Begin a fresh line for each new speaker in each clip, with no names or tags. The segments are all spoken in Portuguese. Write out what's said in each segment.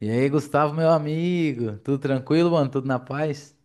E aí, Gustavo, meu amigo, tudo tranquilo, mano? Tudo na paz?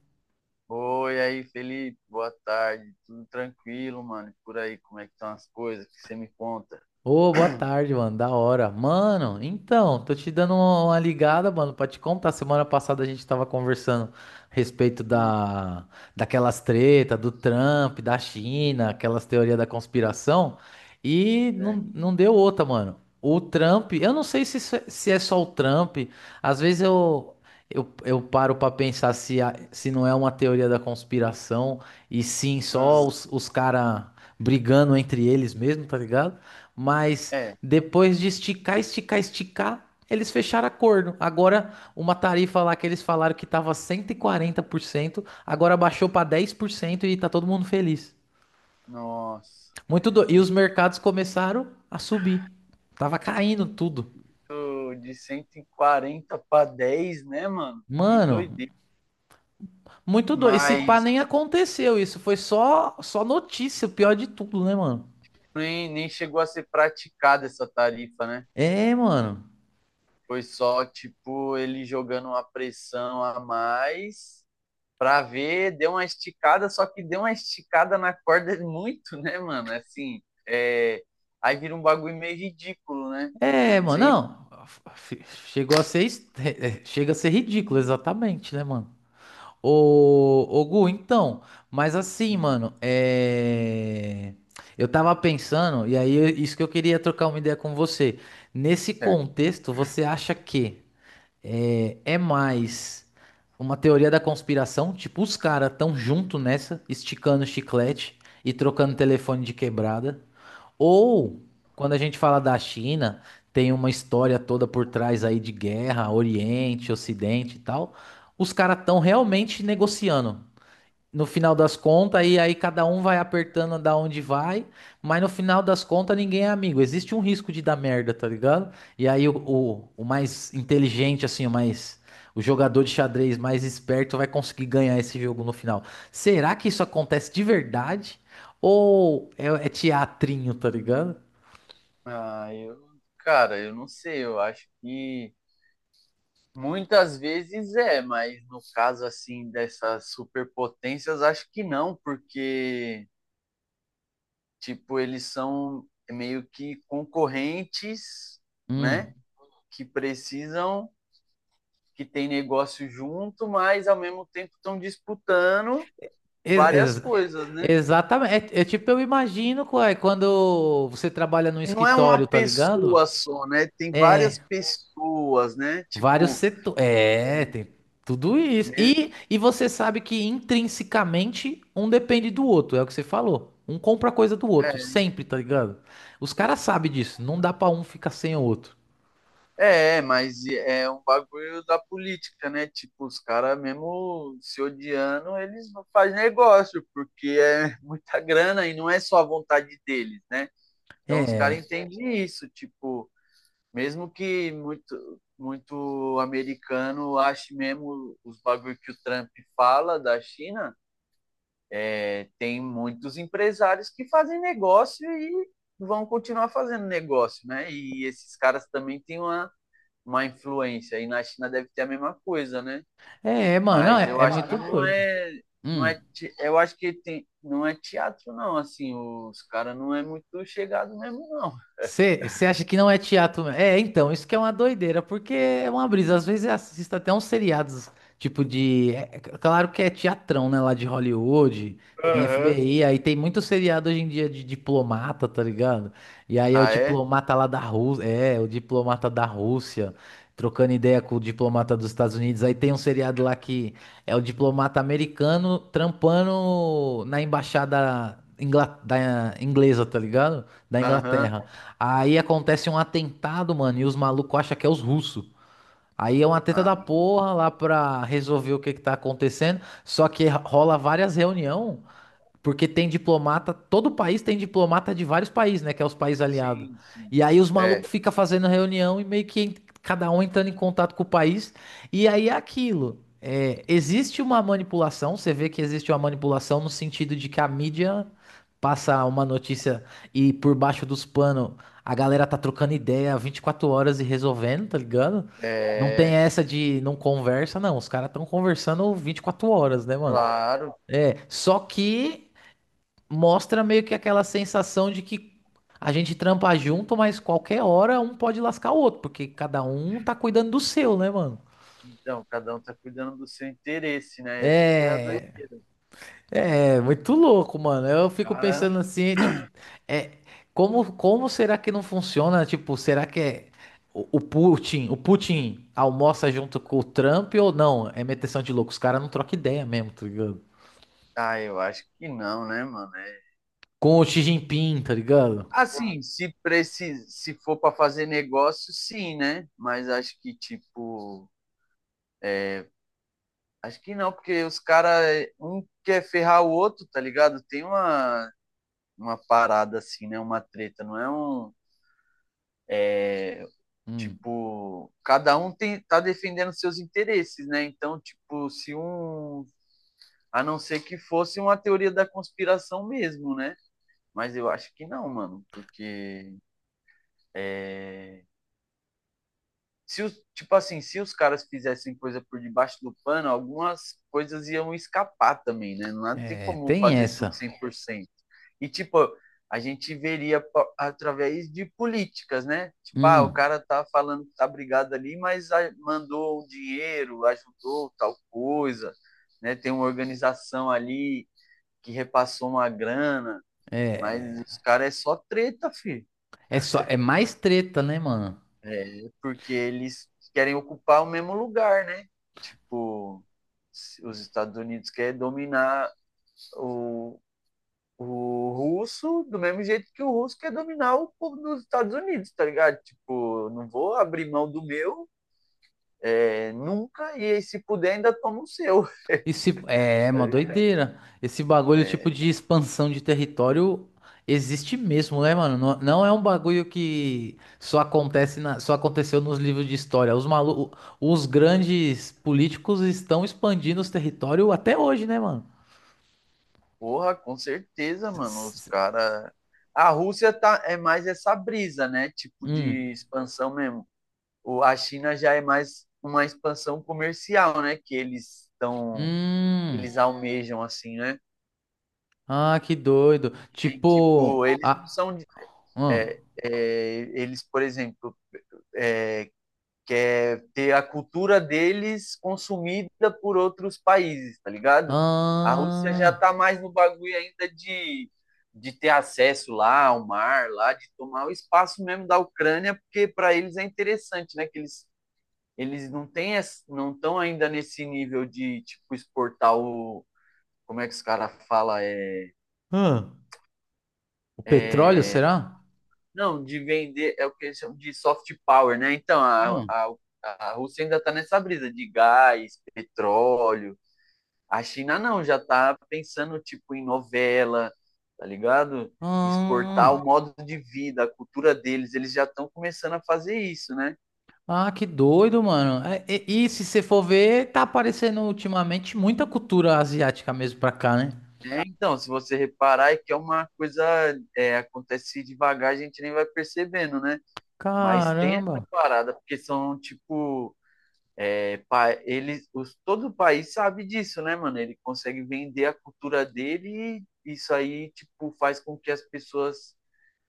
Oi, aí, Felipe, boa tarde. Tudo tranquilo, mano? E por aí, como é que estão as coisas? O que você me conta?
Ô, boa tarde, mano. Da hora. Mano, então, tô te dando uma ligada, mano, pra te contar. Semana passada a gente tava conversando a respeito
Hum,
daquelas treta do Trump, da China, aquelas teorias da conspiração, e
é,
não deu outra, mano. O Trump, eu não sei se, se é só o Trump, às eu paro pra pensar se, se não é uma teoria da conspiração, e sim só
mano,
os caras brigando entre eles mesmo, tá ligado? Mas
é,
depois de esticar, esticar, esticar, eles fecharam acordo. Agora, uma tarifa lá que eles falaram que estava 140%, agora baixou para 10% e tá todo mundo feliz.
nossa.
E os mercados começaram a subir. Tava caindo tudo.
Tô De 140 para 10, né, mano? Que
Mano,
doideira.
muito doido. Esse pá
Mas
nem aconteceu isso. Foi só notícia, o pior de tudo, né, mano?
nem chegou a ser praticada essa tarifa, né?
É, mano.
Foi só, tipo, ele jogando uma pressão a mais pra ver, deu uma esticada, só que deu uma esticada na corda muito, né, mano? Assim, é... aí vira um bagulho meio ridículo, né?
É, mano.
Sei,
Não. F- Chegou a ser. Est- Chega a ser ridículo, exatamente, né, mano? Ô, Gu, então, mas assim, mano, eu tava pensando, e isso que eu queria trocar uma ideia com você. Nesse
certo.
contexto, você acha que é mais uma teoria da conspiração? Tipo, os caras tão junto nessa, esticando o chiclete e trocando telefone de quebrada? Ou, quando a gente fala da China, tem uma história toda por trás aí de guerra, Oriente, Ocidente e tal. Os caras estão realmente negociando. No final das contas, e aí cada um vai apertando da onde vai, mas no final das contas ninguém é amigo. Existe um risco de dar merda, tá ligado? E aí o mais inteligente, assim, o mais. O jogador de xadrez mais esperto vai conseguir ganhar esse jogo no final. Será que isso acontece de verdade? Ou é teatrinho, tá ligado?
Ah, eu, cara, eu não sei, eu acho que muitas vezes é, mas no caso assim dessas superpotências, acho que não, porque tipo, eles são meio que concorrentes, né?
Hum.
Que precisam que tem negócio junto, mas ao mesmo tempo estão disputando
Ex-
várias
ex-
coisas, né?
Exatamente. É, é tipo, eu imagino, ué, quando você trabalha num
Não é uma
escritório, tá ligado?
pessoa só, né? Tem várias pessoas, né?
Vários setores. É, tem tudo isso.
Me-
E você sabe que intrinsecamente um depende do outro, é o que você falou. Um compra coisa do outro,
é,
sempre, tá ligado? Os caras sabem disso, não dá pra um ficar sem o outro.
mas é um bagulho da política, né? Tipo, os caras mesmo se odiando, eles não fazem negócio, porque é muita grana e não é só a vontade deles, né? Então os
É,
caras entendem isso, tipo, mesmo que muito, muito americano ache mesmo os bagulho que o Trump fala da China, é, tem muitos empresários que fazem negócio e vão continuar fazendo negócio, né? E esses caras também têm uma, influência. E na China deve ter a mesma coisa, né?
é, mano, não,
Mas é, eu
é
acho que
muito
não
doido.
é. Não
Hum.
é, eu acho que tem, não é teatro, não. Assim, os caras não é muito chegado mesmo, não.
Você acha que não é teatro? É, então, isso que é uma doideira, porque é uma brisa. Às vezes eu assisto até uns seriados, é claro que é teatrão, né? Lá de Hollywood, tem
Aham. Uhum.
FBI, aí tem muito seriado hoje em dia de diplomata, tá ligado? E aí é o
Ah, é?
diplomata lá da Rússia. É, o diplomata da Rússia, trocando ideia com o diplomata dos Estados Unidos. Aí tem um seriado lá que é o diplomata americano trampando na da inglesa, tá ligado? Da
Aham.
Inglaterra.
Uhum.
Aí acontece um atentado, mano, e os malucos acham que é os russos. Aí é uma treta
Ah,
da porra lá pra resolver o que que tá acontecendo. Só que rola várias reuniões porque tem diplomata, todo país tem diplomata de vários países, né? Que é os países aliados.
sim, sim.
E aí os
É,
malucos ficam fazendo reunião e meio cada um entrando em contato com o país. E aí é aquilo. É, existe uma manipulação, você vê que existe uma manipulação no sentido de que a mídia passa uma notícia e por baixo dos panos a galera tá trocando ideia 24 horas e resolvendo, tá ligado? Não tem
é,
essa de não conversa, não. Os caras estão conversando 24 horas, né, mano?
claro.
Só que mostra meio que aquela sensação de que a gente trampa junto, mas qualquer hora um pode lascar o outro, porque cada um tá cuidando do seu, né, mano?
Então, cada um tá cuidando do seu interesse, né? Essa que é a
É,
doideira.
é muito louco, mano. Eu
Os
fico
cara,
pensando assim, é, tipo, é, como, como será que não funciona? Tipo, será que é o Putin almoça junto com o Trump ou não? É meteção de louco. Os caras não trocam ideia mesmo, tá ligado?
ah, eu acho que não, né, mano?
Com o Xi Jinping, tá ligado?
Assim, se precisa, se for para fazer negócio, sim, né? Mas acho que tipo, acho que não, porque os caras um quer ferrar o outro, tá ligado? Tem uma parada assim, né? Uma treta, não é um
Hum,
tipo, cada um tem, tá defendendo seus interesses, né? Então, tipo, se um a não ser que fosse uma teoria da conspiração mesmo, né? Mas eu acho que não, mano, porque é, se os, tipo assim, se os caras fizessem coisa por debaixo do pano, algumas coisas iam escapar também, né? Não tem
é,
como
tem
fazer tudo
essa.
100%. E tipo, a gente veria através de políticas, né? Tipo, ah, o
Hum,
cara tá falando que tá brigado ali, mas mandou um dinheiro, ajudou tal coisa, né? Tem uma organização ali que repassou uma grana, mas
é.
os caras é só treta, filho.
É só, é mais treta, né, mano?
Porque eles querem ocupar o mesmo lugar, né? Tipo, os Estados Unidos querem dominar o, o russo do mesmo jeito que o russo quer dominar o povo dos Estados Unidos, tá ligado? Tipo, não vou abrir mão do meu é, nunca, e aí, se puder ainda toma o seu.
Esse, é, é uma doideira. Esse bagulho,
É,
tipo, de expansão de território existe mesmo, né, mano? Não, não é um bagulho que só acontece na, só aconteceu nos livros de história. Os grandes políticos estão expandindo os territórios até hoje, né, mano?
porra, com certeza, mano. Os
S- s-
caras. A Rússia tá, é mais essa brisa, né? Tipo de
Hum.
expansão mesmo. O, a China já é mais uma expansão comercial, né? Que eles estão.
Hum.
Eles almejam, assim, né?
Ah, que doido.
Tem,
Tipo,
tipo, eles não
ah,
são.
ah,
Eles, por exemplo, é, que é ter a cultura deles consumida por outros países, tá ligado? A Rússia já
ah,
tá mais no bagulho ainda de, ter acesso lá ao mar, lá, de tomar o espaço mesmo da Ucrânia, porque para eles é interessante, né? Que eles não têm, não estão ainda nesse nível de, tipo, exportar o. Como é que os caras falam? É,
ah. O petróleo, será?
não, de vender, é o que eles chamam de soft power, né? Então, a Rússia ainda tá nessa brisa de gás, petróleo. A China não, já tá pensando tipo em novela, tá ligado? Exportar
Hum,
o modo de vida, a cultura deles, eles já estão começando a fazer isso, né?
ah, que doido, mano. É, e se você for ver, tá aparecendo ultimamente muita cultura asiática mesmo pra cá, né?
É, então, se você reparar, é que é uma coisa, é, acontece devagar, a gente nem vai percebendo, né? Mas tem essa
Caramba.
parada, porque são tipo, é, eles, os, todo o país sabe disso, né, mano? Ele consegue vender a cultura dele e isso aí, tipo, faz com que as pessoas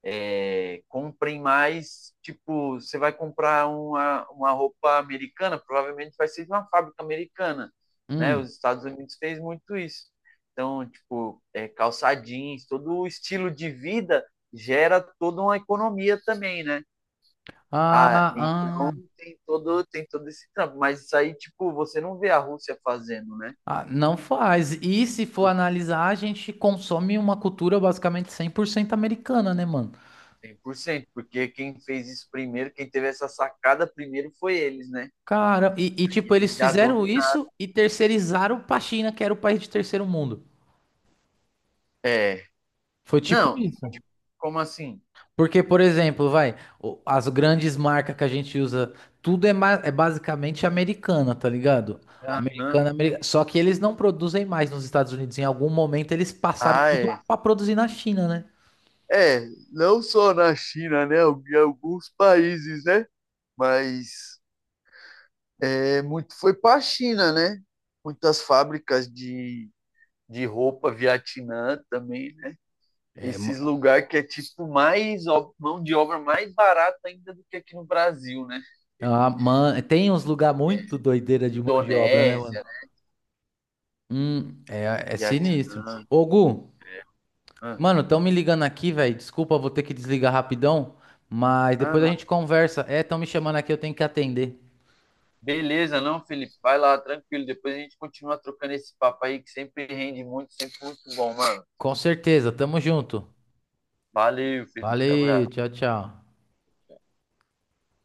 é, comprem mais, tipo, você vai comprar uma roupa americana, provavelmente vai ser de uma fábrica americana, né?
Hum.
Os Estados Unidos fez muito isso. Então, tipo, é, calça jeans, todo o estilo de vida gera toda uma economia também, né? Ah,
Ah,
então
ah,
tem todo esse trampo, mas isso aí, tipo, você não vê a Rússia fazendo, né?
não faz. E se for
Por
analisar, a gente consome uma cultura basicamente 100% americana, né, mano?
100% porque quem fez isso primeiro, quem teve essa sacada primeiro foi eles, né?
Cara, e, tipo,
Eles
eles
já
fizeram
dominaram.
isso e terceirizaram pra China, que era o país de terceiro mundo.
É,
Foi tipo
não,
isso.
como assim?
Porque, por exemplo, vai, as grandes marcas que a gente usa, tudo é, é basicamente americana, tá ligado?
Aham.
Americana, só que eles não produzem mais nos Estados Unidos. Em algum momento eles passaram
Ah,
tudo
é.
pra produzir na China, né?
É, não só na China, né? Em alguns países, né? Mas é, muito foi para a China, né? Muitas fábricas de, roupa Vietnã também, né?
É, mo-
Esses lugares que é tipo mais ó, mão de obra mais barata ainda do que aqui no Brasil, né?
ah, tem uns lugar muito doideira de mão de obra, né, mano?
Indonésia, né?
É, é sinistro.
Vietnã.
Ô, Gu,
Ah,
mano, tão me ligando aqui, velho. Desculpa, vou ter que desligar rapidão, mas
ah,
depois a
não.
gente conversa. É, tão me chamando aqui, eu tenho que atender.
Beleza, não, Felipe? Vai lá, tranquilo. Depois a gente continua trocando esse papo aí que sempre rende muito, sempre muito bom, mano.
Com certeza, tamo junto.
Valeu, Felipe.
Valeu,
Abraço.
tchau, tchau.